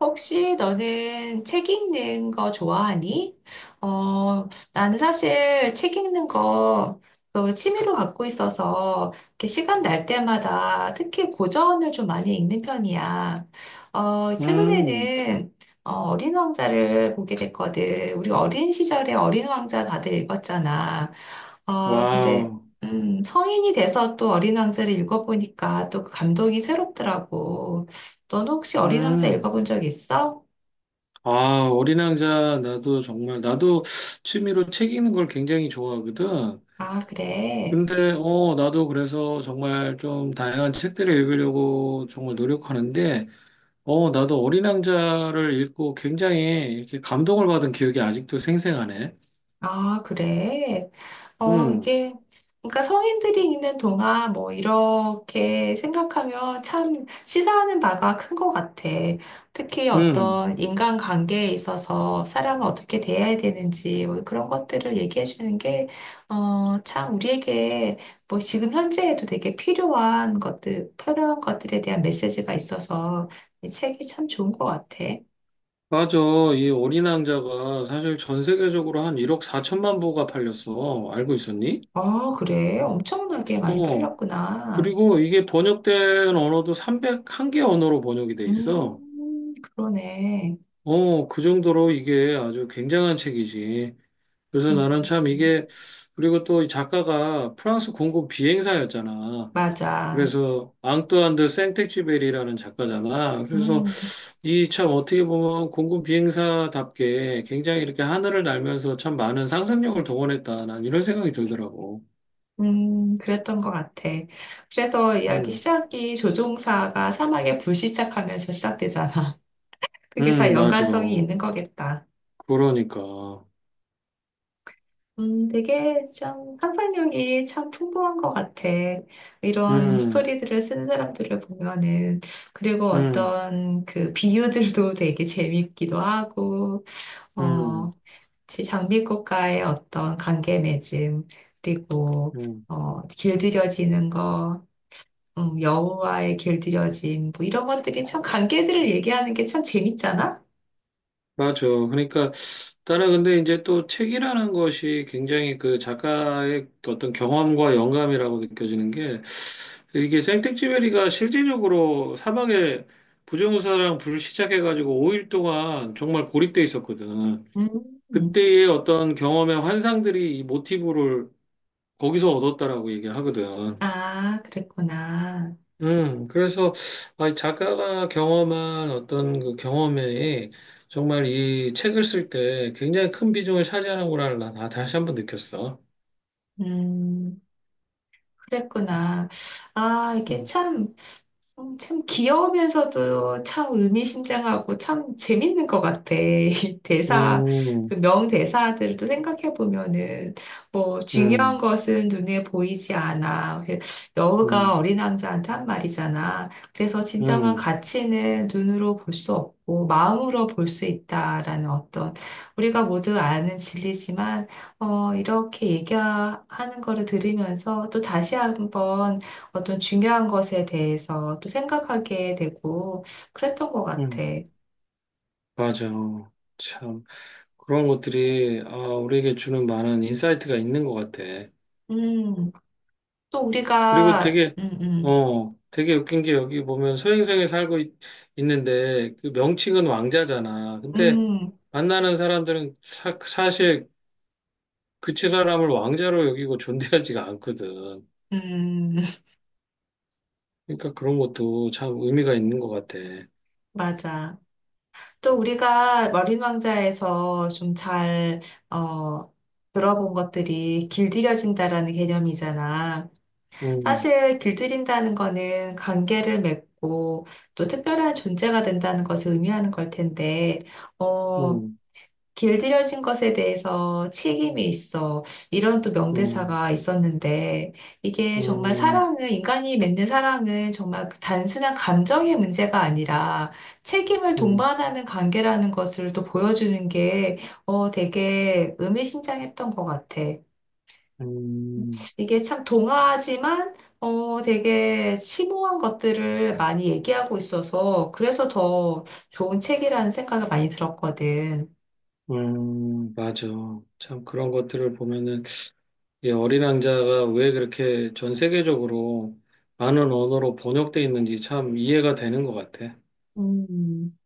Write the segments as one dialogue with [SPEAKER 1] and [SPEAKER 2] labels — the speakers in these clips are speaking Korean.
[SPEAKER 1] 혹시 너는 책 읽는 거 좋아하니? 어, 나는 사실 책 읽는 거 그 취미로 갖고 있어서 이렇게 시간 날 때마다 특히 고전을 좀 많이 읽는 편이야.
[SPEAKER 2] 음,
[SPEAKER 1] 최근에는 어린 왕자를 보게 됐거든. 우리 어린 시절에 어린 왕자 다들 읽었잖아. 근데,
[SPEAKER 2] 와우.
[SPEAKER 1] 성인이 돼서 또 어린 왕자를 읽어보니까 또 그 감동이 새롭더라고. 너는 혹시 어린 왕자
[SPEAKER 2] 음,
[SPEAKER 1] 읽어본 적 있어?
[SPEAKER 2] 아, 어린 왕자, 나도 취미로 책 읽는 걸 굉장히 좋아하거든.
[SPEAKER 1] 아, 그래.
[SPEAKER 2] 근데, 나도 그래서 정말 좀 다양한 책들을 읽으려고 정말 노력하는데, 나도 어린 왕자를 읽고 굉장히 이렇게 감동을 받은 기억이 아직도 생생하네.
[SPEAKER 1] 아, 그래.
[SPEAKER 2] 음,
[SPEAKER 1] 이게, 그러니까 성인들이 읽는 동안 뭐 이렇게 생각하면 참 시사하는 바가 큰 것 같아. 특히
[SPEAKER 2] 음,
[SPEAKER 1] 어떤 인간관계에 있어서 사람을 어떻게 대해야 되는지 뭐 그런 것들을 얘기해 주는 게, 참 우리에게 뭐 지금 현재에도 되게 필요한 것들, 필요한 것들에 대한 메시지가 있어서 이 책이 참 좋은 것 같아.
[SPEAKER 2] 맞아. 이 어린 왕자가 사실 전 세계적으로 한 1억 4천만 부가 팔렸어. 알고 있었니?
[SPEAKER 1] 아, 그래. 엄청나게 많이
[SPEAKER 2] 어.
[SPEAKER 1] 팔렸구나.
[SPEAKER 2] 그리고 이게 번역된 언어도 301개 언어로 번역이 돼 있어.
[SPEAKER 1] 그러네.
[SPEAKER 2] 어, 그 정도로 이게 아주 굉장한 책이지. 그래서 나는 참
[SPEAKER 1] 음,
[SPEAKER 2] 이게, 그리고 또 이 작가가 프랑스 공군 비행사였잖아.
[SPEAKER 1] 맞아.
[SPEAKER 2] 그래서 앙뚜안 드 생텍쥐베리라는 작가잖아. 그래서
[SPEAKER 1] 음,
[SPEAKER 2] 이 참 어떻게 보면 공군 비행사답게 굉장히 이렇게 하늘을 날면서 참 많은 상상력을 동원했다. 난 이런 생각이 들더라고.
[SPEAKER 1] 그랬던 것 같아. 그래서 이야기
[SPEAKER 2] 음,
[SPEAKER 1] 시작이 조종사가 사막에 불시착하면서 시작되잖아. 그게 다
[SPEAKER 2] 맞아.
[SPEAKER 1] 연관성이 있는 거겠다.
[SPEAKER 2] 그러니까.
[SPEAKER 1] 되게 참 상상력이 참 풍부한 것 같아. 이런
[SPEAKER 2] 음,
[SPEAKER 1] 스토리들을 쓰는 사람들을 보면은, 그리고
[SPEAKER 2] 음.
[SPEAKER 1] 어떤 그 비유들도 되게 재밌기도 하고,
[SPEAKER 2] 음,
[SPEAKER 1] 어, 장미꽃과의 어떤 관계 맺음, 그리고,
[SPEAKER 2] 음,
[SPEAKER 1] 길들여지는 거, 여우와의 길들여짐, 뭐 이런 것들이 참 관계들을 얘기하는 게 참 재밌잖아?
[SPEAKER 2] 맞아. 그러니까 나는 근데 이제 또 책이라는 것이 굉장히 그 작가의 어떤 경험과 영감이라고 느껴지는 게 이게 생텍쥐페리가 실질적으로 사막에 부정사랑 불 시작해가지고 5일 동안 정말 고립돼 있었거든.
[SPEAKER 1] 음, 음.
[SPEAKER 2] 그때의 어떤 경험의 환상들이 이 모티브를 거기서 얻었다라고 얘기하거든.
[SPEAKER 1] 아, 그랬구나.
[SPEAKER 2] 그래서 이 작가가 경험한 어떤 그 경험에 정말 이 책을 쓸 때 굉장히 큰 비중을 차지하는구나 나 다시 한번 느꼈어.
[SPEAKER 1] 음, 그랬구나. 아, 이게
[SPEAKER 2] 음,
[SPEAKER 1] 참 참 귀여우면서도 참 의미심장하고 참 재밌는 것 같아. 이 대사,
[SPEAKER 2] 음,
[SPEAKER 1] 그 명대사들도 생각해 보면은 뭐 중요한
[SPEAKER 2] 음,
[SPEAKER 1] 것은 눈에 보이지 않아. 그 여우가
[SPEAKER 2] 음,
[SPEAKER 1] 어린 왕자한테 한 말이잖아. 그래서 진정한
[SPEAKER 2] 음,
[SPEAKER 1] 가치는 눈으로 볼 수 없고 마음으로 볼 수 있다라는 어떤 우리가 모두 아는 진리지만 이렇게 얘기하는 거를 들으면서 또 다시 한번 어떤 중요한 것에 대해서 또 생각하게 되고 그랬던 것 같아.
[SPEAKER 2] 음. 맞아. 참 그런 것들이 아, 우리에게 주는 많은 인사이트가 있는 것 같아.
[SPEAKER 1] 음, 또
[SPEAKER 2] 그리고
[SPEAKER 1] 우리가,
[SPEAKER 2] 되게, 어, 되게 웃긴 게 여기 보면 소행성에 살고 있, 는데그 명칭은 왕자잖아. 근데
[SPEAKER 1] 음, 음,
[SPEAKER 2] 만나는 사람들은 사실 그 사람을 왕자로 여기고 존대하지가 않거든.
[SPEAKER 1] 음,
[SPEAKER 2] 그러니까 그런 것도 참 의미가 있는 것 같아.
[SPEAKER 1] 맞아. 또 우리가 머린 왕자에서 좀 잘, 어, 들어본 것들이 길들여진다라는 개념이잖아.
[SPEAKER 2] 음,
[SPEAKER 1] 사실 길들인다는 거는 관계를 맺고 또 특별한 존재가 된다는 것을 의미하는 걸 텐데, 어,
[SPEAKER 2] 음,
[SPEAKER 1] 길들여진 것에 대해서 책임이 있어. 이런 또
[SPEAKER 2] 음,
[SPEAKER 1] 명대사가 있었는데, 이게 정말
[SPEAKER 2] 음,
[SPEAKER 1] 사랑은, 인간이 맺는 사랑은 정말 그 단순한 감정의 문제가 아니라 책임을
[SPEAKER 2] 음,
[SPEAKER 1] 동반하는 관계라는 것을 또 보여주는 게, 되게 의미심장했던 것 같아.
[SPEAKER 2] 음, 음,
[SPEAKER 1] 이게 참 동화지만, 되게 심오한 것들을 많이 얘기하고 있어서, 그래서 더 좋은 책이라는 생각을 많이 들었거든.
[SPEAKER 2] 맞아. 참 그런 것들을 보면은 이 어린 왕자가 왜 그렇게 전 세계적으로 많은 언어로 번역돼 있는지 참 이해가 되는 것 같아.
[SPEAKER 1] 음.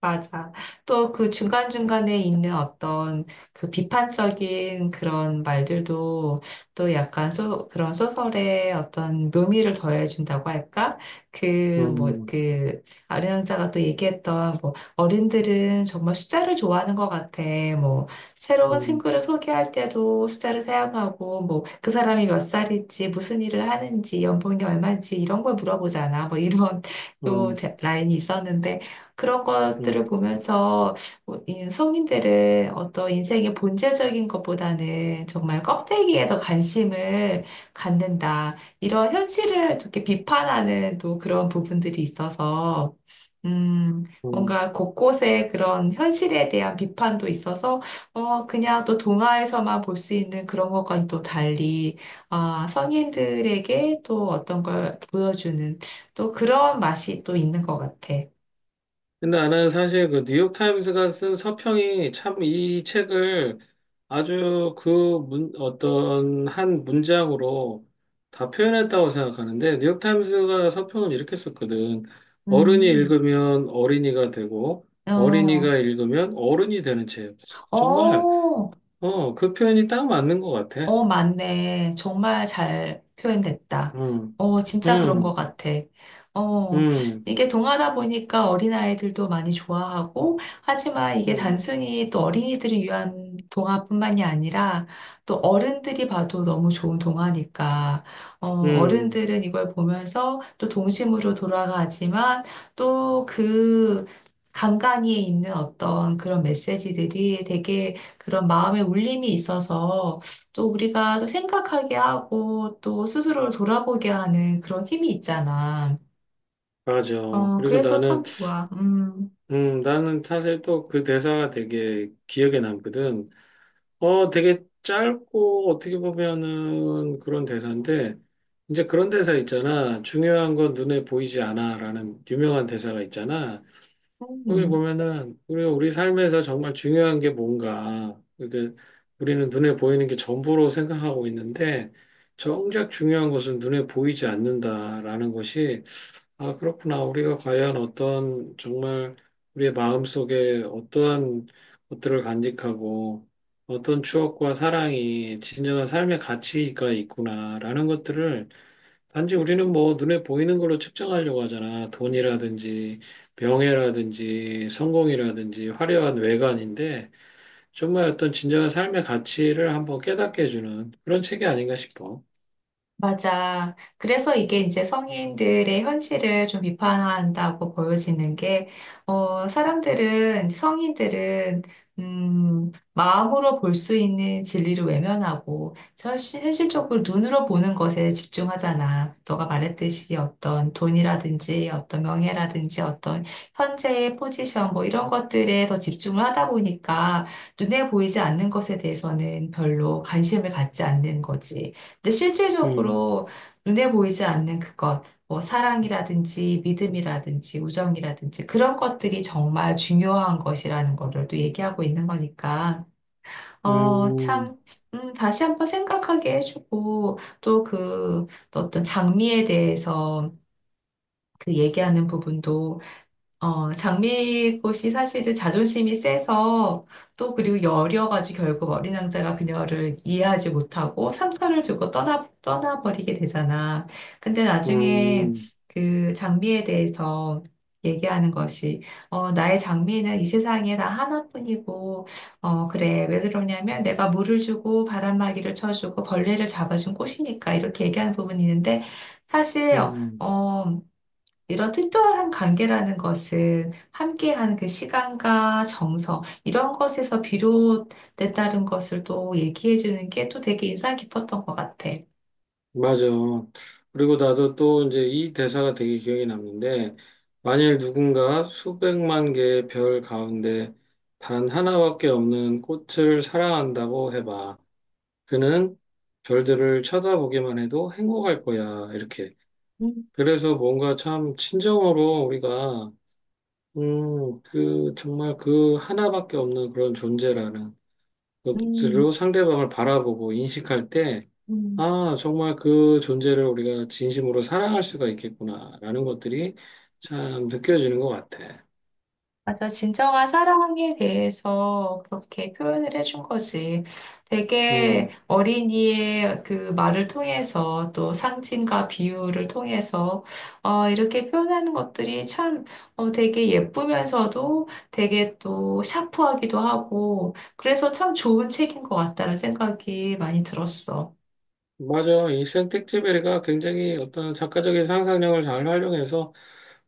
[SPEAKER 1] 맞아. 또 그 중간중간에 있는 어떤 그 비판적인 그런 말들도 또 약간 소, 그런 소설에 어떤 묘미를 더해준다고 할까? 그, 뭐,
[SPEAKER 2] 음,
[SPEAKER 1] 그, 아르랑자가 또 얘기했던 뭐, 어른들은 정말 숫자를 좋아하는 것 같아. 뭐, 새로운
[SPEAKER 2] 음,
[SPEAKER 1] 친구를 소개할 때도 숫자를 사용하고, 뭐, 그 사람이 몇 살인지, 무슨 일을 하는지, 연봉이 얼마인지 이런 걸 물어보잖아. 뭐, 이런 또
[SPEAKER 2] 음,
[SPEAKER 1] 라인이 있었는데, 그런 것들을
[SPEAKER 2] 음,
[SPEAKER 1] 보면서 뭐이 성인들은 어떤 인생의 본질적인 것보다는 정말 껍데기에 더 관심을 갖는다. 이런 현실을 이렇게 비판하는 또 그런 부분들이 있어서, 음,
[SPEAKER 2] 음.
[SPEAKER 1] 뭔가 곳곳에 그런 현실에 대한 비판도 있어서, 그냥 또 동화에서만 볼 수 있는 그런 것과는 또 달리, 아, 성인들에게 또 어떤 걸 보여주는 또 그런 맛이 또 있는 것 같아.
[SPEAKER 2] 근데 나는 사실 그 뉴욕타임스가 쓴 서평이 참 이 책을 아주 그 문, 어떤 한 문장으로 다 표현했다고 생각하는데, 뉴욕타임스가 서평을 이렇게 썼거든. 어른이
[SPEAKER 1] 음,
[SPEAKER 2] 읽으면 어린이가 되고,
[SPEAKER 1] 어,
[SPEAKER 2] 어린이가 읽으면 어른이 되는 책. 정말
[SPEAKER 1] 어,
[SPEAKER 2] 어, 그 표현이 딱 맞는 것 같아.
[SPEAKER 1] 어, 맞네. 정말 잘 표현됐다.
[SPEAKER 2] 음,
[SPEAKER 1] 진짜 그런 것
[SPEAKER 2] 음,
[SPEAKER 1] 같아. 어,
[SPEAKER 2] 음,
[SPEAKER 1] 이게 동화다 보니까 어린아이들도 많이 좋아하고, 하지만 이게
[SPEAKER 2] 음,
[SPEAKER 1] 단순히 또 어린이들을 위한 동화뿐만이 아니라, 또 어른들이 봐도 너무 좋은 동화니까,
[SPEAKER 2] 음,
[SPEAKER 1] 어른들은 이걸 보면서 또 동심으로 돌아가지만, 또 그 간간이에 있는 어떤 그런 메시지들이 되게 그런 마음의 울림이 있어서, 또 우리가 또 생각하게 하고 또 스스로를 돌아보게 하는 그런 힘이 있잖아.
[SPEAKER 2] 맞아. 그리고
[SPEAKER 1] 그래서
[SPEAKER 2] 나는,
[SPEAKER 1] 참 좋아. 음.
[SPEAKER 2] 나는 사실 또 그 대사가 되게 기억에 남거든. 되게 짧고 어떻게 보면은 그런 대사인데, 이제 그런 대사 있잖아. 중요한 건 눈에 보이지 않아. 라는 유명한 대사가 있잖아. 오늘
[SPEAKER 1] 음.
[SPEAKER 2] 보면은 우리가 우리 삶에서 정말 중요한 게 뭔가 그게 우리는 눈에 보이는 게 전부로 생각하고 있는데 정작 중요한 것은 눈에 보이지 않는다라는 것이 아 그렇구나 우리가 과연 어떤 정말 우리의 마음 속에 어떠한 것들을 간직하고 어떤 추억과 사랑이 진정한 삶의 가치가 있구나라는 것들을 단지 우리는 뭐 눈에 보이는 걸로 측정하려고 하잖아. 돈이라든지 명예라든지 성공이라든지 화려한 외관인데 정말 어떤 진정한 삶의 가치를 한번 깨닫게 해주는 그런 책이 아닌가 싶어.
[SPEAKER 1] 맞아. 그래서 이게 이제 성인들의 현실을 좀 비판한다고 보여지는 게, 사람들은, 성인들은, 마음으로 볼 수 있는 진리를 외면하고, 현실적으로 눈으로 보는 것에 집중하잖아. 너가 말했듯이 어떤 돈이라든지, 어떤 명예라든지, 어떤 현재의 포지션, 뭐 이런 것들에 더 집중을 하다 보니까, 눈에 보이지 않는 것에 대해서는 별로 관심을 갖지 않는 거지. 근데
[SPEAKER 2] 음,
[SPEAKER 1] 실질적으로 눈에 보이지 않는 그것, 뭐 사랑이라든지 믿음이라든지 우정이라든지 그런 것들이 정말 중요한 것이라는 거를 또 얘기하고 있는 거니까,
[SPEAKER 2] 음,
[SPEAKER 1] 참, 다시 한 번 생각하게 해주고, 또 그 어떤 장미에 대해서 그 얘기하는 부분도 장미꽃이 사실은 자존심이 세서 또 그리고 여려가지고 결국 어린 왕자가 그녀를 이해하지 못하고 상처를 주고 떠나, 떠나버리게 되잖아. 근데 나중에
[SPEAKER 2] 음,
[SPEAKER 1] 그 장미에 대해서 얘기하는 것이, 나의 장미는 이 세상에 나 하나뿐이고, 어, 그래. 왜 그러냐면 내가 물을 주고 바람막이를 쳐주고 벌레를 잡아준 꽃이니까 이렇게 얘기하는 부분이 있는데 사실,
[SPEAKER 2] 음.
[SPEAKER 1] 어, 이런 특별한 관계라는 것은 함께하는 그 시간과 정성, 이런 것에서 비롯됐다는 것을 또 얘기해 주는 게 또 되게 인상 깊었던 것 같아.
[SPEAKER 2] 맞아. 그리고 나도 또 이제 이 대사가 되게 기억에 남는데, 만일 누군가 수백만 개의 별 가운데 단 하나밖에 없는 꽃을 사랑한다고 해봐. 그는 별들을 쳐다보기만 해도 행복할 거야. 이렇게.
[SPEAKER 1] 음,
[SPEAKER 2] 그래서 뭔가 참 친정으로 우리가, 그, 정말 그 하나밖에 없는 그런 존재라는
[SPEAKER 1] 음,
[SPEAKER 2] 것으로 상대방을 바라보고 인식할 때,
[SPEAKER 1] 음.
[SPEAKER 2] 아, 정말 그 존재를 우리가 진심으로 사랑할 수가 있겠구나라는 것들이 참 느껴지는 것 같아.
[SPEAKER 1] 맞아. 진정한 사랑에 대해서 그렇게 표현을 해준 거지. 되게
[SPEAKER 2] 음,
[SPEAKER 1] 어린이의 그 말을 통해서 또 상징과 비유를 통해서 이렇게 표현하는 것들이 참 되게 예쁘면서도 되게 또 샤프하기도 하고 그래서 참 좋은 책인 것 같다는 생각이 많이 들었어.
[SPEAKER 2] 맞아. 이 생텍쥐베리가 굉장히 어떤 작가적인 상상력을 잘 활용해서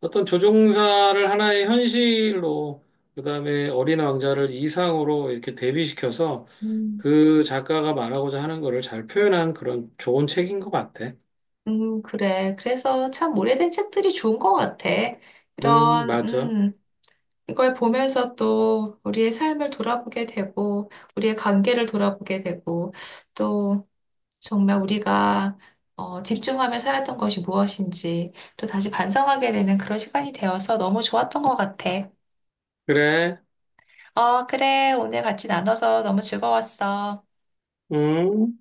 [SPEAKER 2] 어떤 조종사를 하나의 현실로, 그다음에 어린 왕자를 이상으로 이렇게 대비시켜서
[SPEAKER 1] 음,
[SPEAKER 2] 그 작가가 말하고자 하는 거를 잘 표현한 그런 좋은 책인 것 같아.
[SPEAKER 1] 그래. 그래서 참 오래된 책들이 좋은 것 같아. 이런,
[SPEAKER 2] 맞아.
[SPEAKER 1] 이걸 보면서 또 우리의 삶을 돌아보게 되고, 우리의 관계를 돌아보게 되고, 또 정말 우리가 집중하며 살았던 것이 무엇인지 또 다시 반성하게 되는 그런 시간이 되어서 너무 좋았던 것 같아.
[SPEAKER 2] 그래.
[SPEAKER 1] 어, 그래. 오늘 같이 나눠서 너무 즐거웠어.
[SPEAKER 2] 음.